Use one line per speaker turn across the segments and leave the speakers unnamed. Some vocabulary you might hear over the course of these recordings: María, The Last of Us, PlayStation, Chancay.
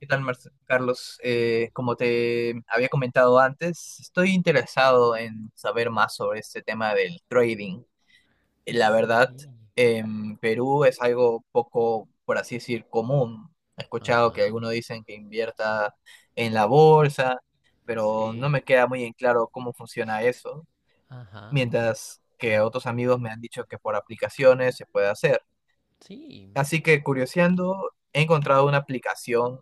¿Qué tal, Carlos? Como te había comentado antes, estoy interesado en saber más sobre este tema del trading. La
Sí,
verdad, en Perú es algo poco, por así decir, común. He escuchado que
ajá,
algunos dicen que invierta en la bolsa, pero no
sí,
me queda muy en claro cómo funciona eso,
ajá,
mientras que otros amigos me han dicho que por aplicaciones se puede hacer.
sí,
Así que curioseando, he encontrado una aplicación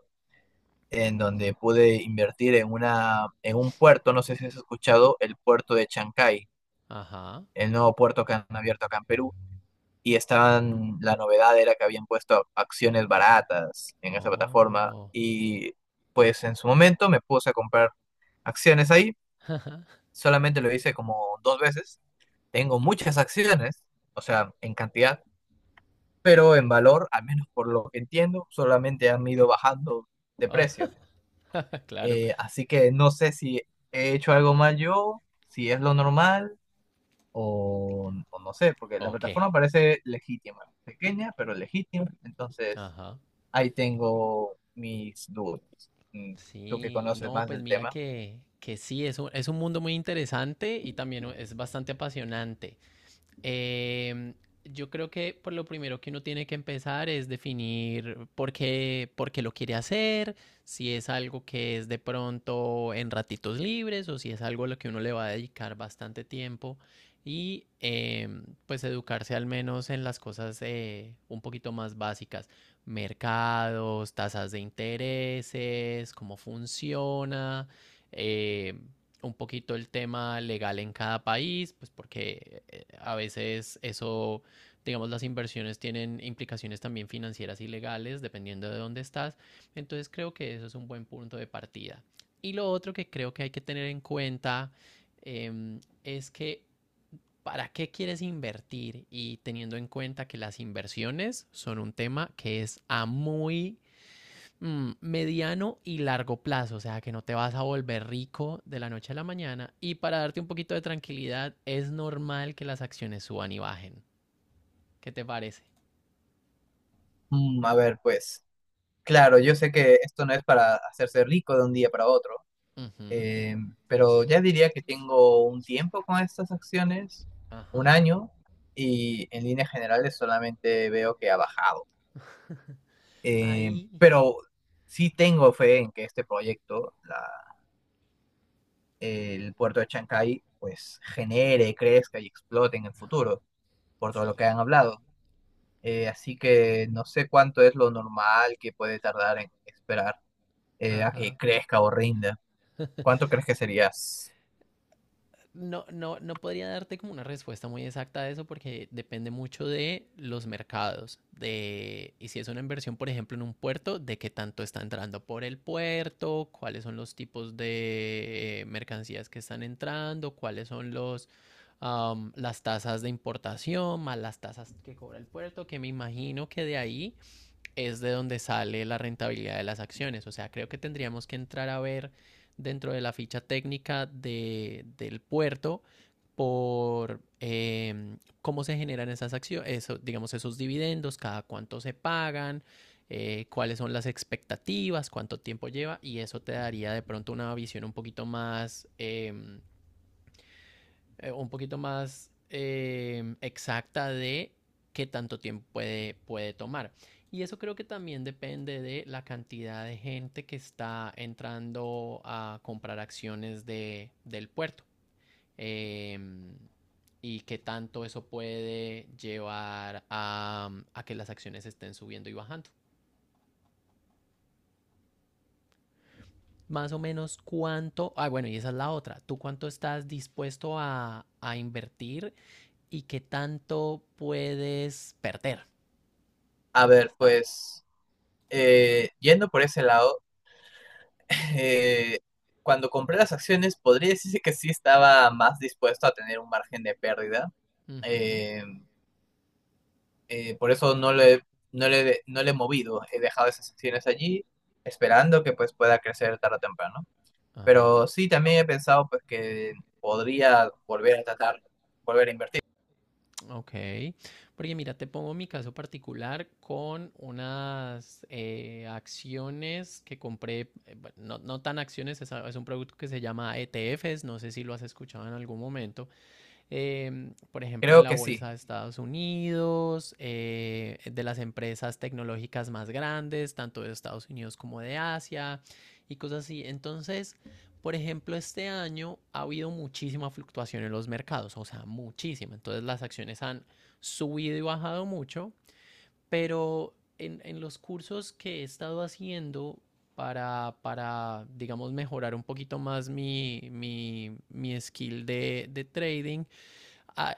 en donde pude invertir en una, en un puerto, no sé si has escuchado, el puerto de Chancay,
ajá,
el nuevo puerto que han abierto acá en Perú. Y estaban, la novedad era que habían puesto acciones baratas en esa plataforma.
oh,
Y pues en su momento me puse a comprar acciones ahí.
ajá,
Solamente lo hice como dos veces. Tengo muchas acciones, o sea, en cantidad, pero en valor, al menos por lo que entiendo, solamente han ido bajando de
oh,
precio.
claro,
Así que no sé si he hecho algo mal yo, si es lo normal o no sé, porque la
ok,
plataforma parece legítima, pequeña pero legítima, entonces
ajá,
ahí tengo mis dudas. Tú que
sí,
conoces
no,
más
pues
del
mira
tema.
que sí, es un mundo muy interesante y también es bastante apasionante. Eh, yo creo que por lo primero que uno tiene que empezar es definir por qué lo quiere hacer, si es algo que es de pronto en ratitos libres o si es algo a lo que uno le va a dedicar bastante tiempo y pues educarse al menos en las cosas un poquito más básicas, mercados, tasas de intereses, cómo funciona, eh, un poquito el tema legal en cada país, pues porque a veces eso, digamos, las inversiones tienen implicaciones también financieras y legales, dependiendo de dónde estás. Entonces creo que eso es un buen punto de partida. Y lo otro que creo que hay que tener en cuenta es que para qué quieres invertir y teniendo en cuenta que las inversiones son un tema que es a muy mediano y largo plazo, o sea, que no te vas a volver rico de la noche a la mañana. Y para darte un poquito de tranquilidad, es normal que las acciones suban y bajen. ¿Qué te parece?
Mm, a ver, pues claro, yo sé que esto no es para hacerse rico de un día para otro,
Ujú.
eh, pero ya diría que tengo un tiempo con estas acciones, un
Ajá.
año, y en líneas generales solamente veo que ha bajado. Eh,
Ahí,
pero sí tengo fe en que este proyecto, el puerto de Chancay, pues genere, crezca y explote en el futuro, por todo lo
sí.
que han hablado. Así que no sé cuánto es lo normal que puede tardar en esperar a que
Ajá.
crezca o rinda. ¿Cuánto crees que serías?
No, no podría darte como una respuesta muy exacta a eso porque depende mucho de los mercados, de, y si es una inversión, por ejemplo, en un puerto, de qué tanto está entrando por el puerto, cuáles son los tipos de mercancías que están entrando, las tasas de importación, más las tasas que cobra el puerto, que me imagino que de ahí es de donde sale la rentabilidad de las acciones. O sea, creo que tendríamos que entrar a ver dentro de la ficha técnica del puerto por cómo se generan esas acciones, eso, digamos, esos dividendos, cada cuánto se pagan, cuáles son las expectativas, cuánto tiempo lleva, y eso te daría de pronto una visión un poquito más exacta de qué tanto tiempo puede tomar. Y eso creo que también depende de la cantidad de gente que está entrando a comprar acciones del puerto. Eh, y qué tanto eso puede llevar a que las acciones estén subiendo y bajando. Más o menos cuánto, ah bueno, y esa es la otra, ¿tú cuánto estás dispuesto a invertir y qué tanto puedes perder?
A ver,
Hasta.
pues yendo por ese lado, eh, cuando compré las acciones podría decirse que sí estaba más dispuesto a tener un margen de pérdida.
Ujú.
Eh, por eso no le he movido, he dejado esas secciones allí, esperando que pues pueda crecer tarde o temprano.
Ajá,
Pero sí, también he pensado pues que podría volver a tratar, volver a invertir.
ok. Porque mira, te pongo mi caso particular con unas acciones que compré, bueno, no tan acciones, es un producto que se llama ETFs, no sé si lo has escuchado en algún momento, por ejemplo, en
Creo
la
que sí.
bolsa de Estados Unidos, de las empresas tecnológicas más grandes, tanto de Estados Unidos como de Asia y cosas así. Entonces, por ejemplo, este año ha habido muchísima fluctuación en los mercados, o sea, muchísima. Entonces, las acciones han subido y bajado mucho, pero en los cursos que he estado haciendo para digamos, mejorar un poquito más mi skill de trading,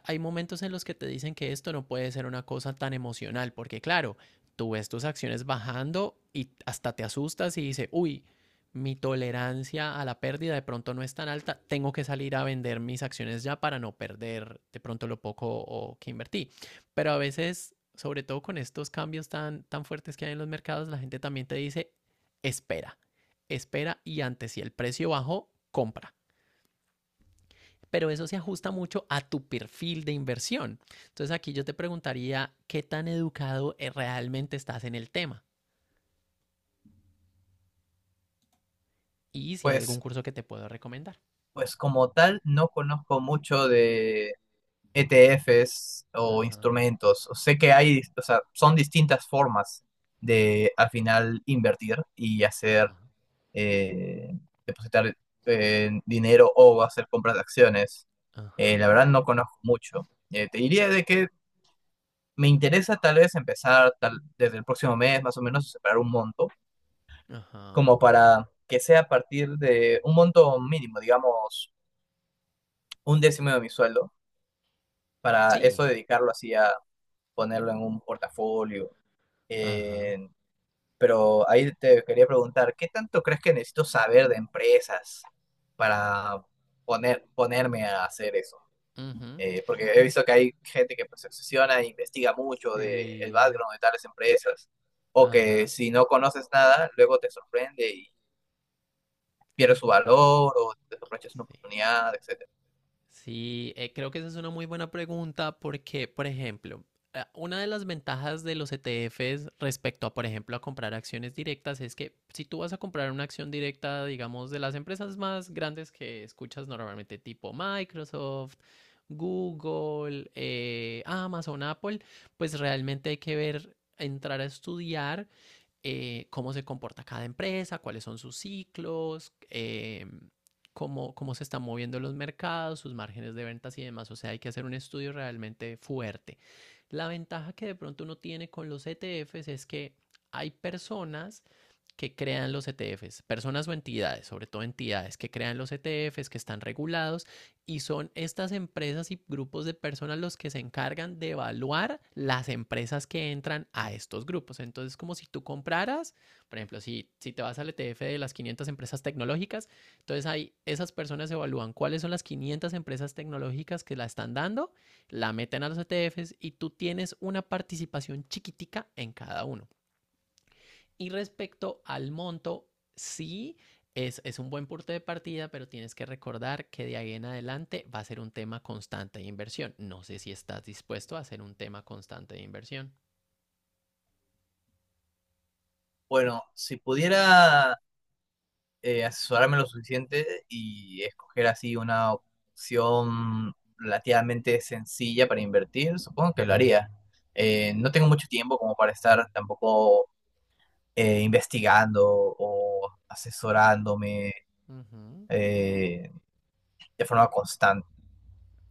hay momentos en los que te dicen que esto no puede ser una cosa tan emocional, porque claro, tú ves tus acciones bajando y hasta te asustas y dices, uy, mi tolerancia a la pérdida de pronto no es tan alta, tengo que salir a vender mis acciones ya para no perder de pronto lo poco o que invertí. Pero a veces, sobre todo con estos cambios tan fuertes que hay en los mercados, la gente también te dice, espera, espera y antes si el precio bajó, compra, pero eso se ajusta mucho a tu perfil de inversión. Entonces aquí yo te preguntaría qué tan educado realmente estás en el tema y si hay algún
Pues,
curso que te puedo recomendar.
pues como tal, no conozco mucho de ETFs o
Ajá,
instrumentos. Sé que hay, o sea, son distintas formas de al final invertir y hacer
ajá,
eh, depositar dinero o hacer compras de acciones. La
ajá,
verdad no conozco mucho. Te diría de que me interesa tal vez empezar tal, desde el próximo mes más o menos separar un monto,
ajá.
como para que sea a partir de un monto mínimo, digamos un décimo de mi sueldo, para eso
Sí,
dedicarlo así a ponerlo en un portafolio,
ajá,
en. Pero ahí te quería preguntar, ¿qué tanto crees que necesito saber de empresas para poner, ponerme a hacer eso?
ujú,
Porque he visto que hay gente que pues, se obsesiona e investiga mucho de el
sí,
background de tales empresas, o que
ajá,
si no conoces nada, luego te sorprende y pierde su valor, o te sorprendes una
sí.
oportunidad, etcétera.
Sí, creo que esa es una muy buena pregunta porque, por ejemplo, una de las ventajas de los ETFs respecto a, por ejemplo, a comprar acciones directas es que si tú vas a comprar una acción directa, digamos, de las empresas más grandes que escuchas normalmente, tipo Microsoft, Google, Amazon, Apple, pues realmente hay que ver, entrar a estudiar cómo se comporta cada empresa, cuáles son sus ciclos, cómo se están moviendo los mercados, sus márgenes de ventas y demás. O sea, hay que hacer un estudio realmente fuerte. La ventaja que de pronto uno tiene con los ETFs es que hay personas que crean los ETFs, personas o entidades, sobre todo entidades que crean los ETFs, que están regulados y son estas empresas y grupos de personas los que se encargan de evaluar las empresas que entran a estos grupos. Entonces, como si tú compraras, por ejemplo, si te vas al ETF de las 500 empresas tecnológicas, entonces ahí esas personas evalúan cuáles son las 500 empresas tecnológicas que la están dando, la meten a los ETFs y tú tienes una participación chiquitica en cada uno. Y respecto al monto, sí, un buen punto de partida, pero tienes que recordar que de ahí en adelante va a ser un tema constante de inversión. No sé si estás dispuesto a hacer un tema constante de inversión.
Bueno, si pudiera asesorarme lo suficiente y escoger así una opción relativamente sencilla para invertir, supongo que lo haría. No tengo mucho tiempo como para estar tampoco investigando o asesorándome
Uh -huh.
eh, de forma constante.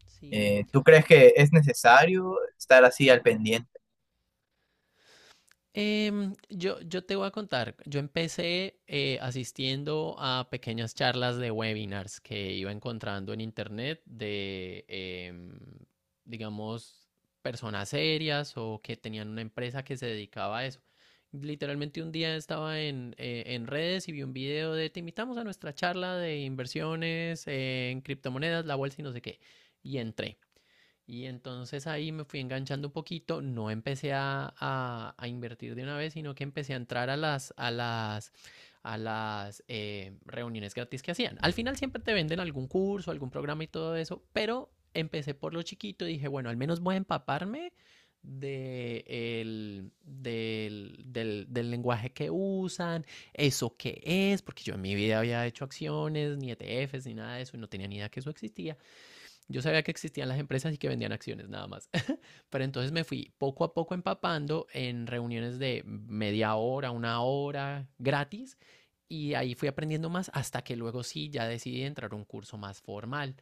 Sí.
¿Tú crees que es necesario estar así al pendiente?
Yo, yo te voy a contar, yo empecé asistiendo a pequeñas charlas de webinars que iba encontrando en internet de, digamos, personas serias o que tenían una empresa que se dedicaba a eso. Literalmente un día estaba en redes y vi un video de te invitamos a nuestra charla de inversiones en criptomonedas, la bolsa y no sé qué. Y entré. Y entonces ahí me fui enganchando un poquito, no empecé a invertir de una vez, sino que empecé a entrar a las reuniones gratis que hacían. Al final siempre te venden algún curso, algún programa y todo eso, pero empecé por lo chiquito y dije, bueno, al menos voy a empaparme de del lenguaje que usan, eso qué es, porque yo en mi vida había hecho acciones, ni ETFs, ni nada de eso, y no tenía ni idea que eso existía. Yo sabía que existían las empresas y que vendían acciones nada más. Pero entonces me fui poco a poco empapando en reuniones de media hora, una hora, gratis. Y ahí fui aprendiendo más hasta que luego sí, ya decidí entrar a un curso más formal.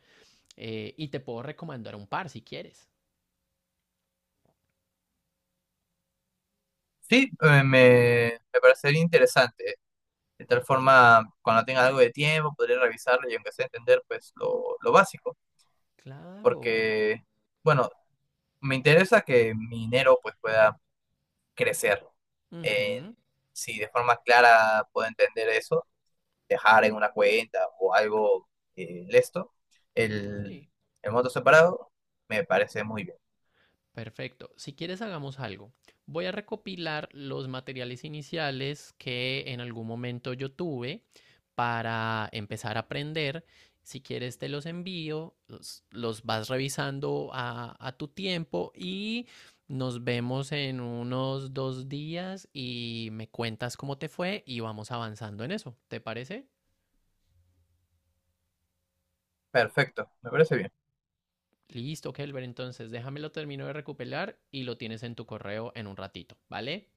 Y te puedo recomendar un par si quieres.
Sí, me parecería interesante. De tal forma, cuando tenga algo de tiempo, podré revisarlo y aunque sea entender pues lo básico.
Claro.
Porque, bueno, me interesa que mi dinero pues pueda crecer. Eh,
Ujú,
si de forma clara puedo entender eso, dejar en una cuenta o algo de esto, el,
sí.
el monto separado me parece muy bien.
Perfecto. Si quieres, hagamos algo. Voy a recopilar los materiales iniciales que en algún momento yo tuve para empezar a aprender. Si quieres, te los envío, los vas revisando a tu tiempo y nos vemos en unos 2 días y me cuentas cómo te fue y vamos avanzando en eso. ¿Te parece?
Perfecto, me parece bien.
Listo, Kelber. Entonces, déjamelo termino de recopilar y lo tienes en tu correo en un ratito, ¿vale?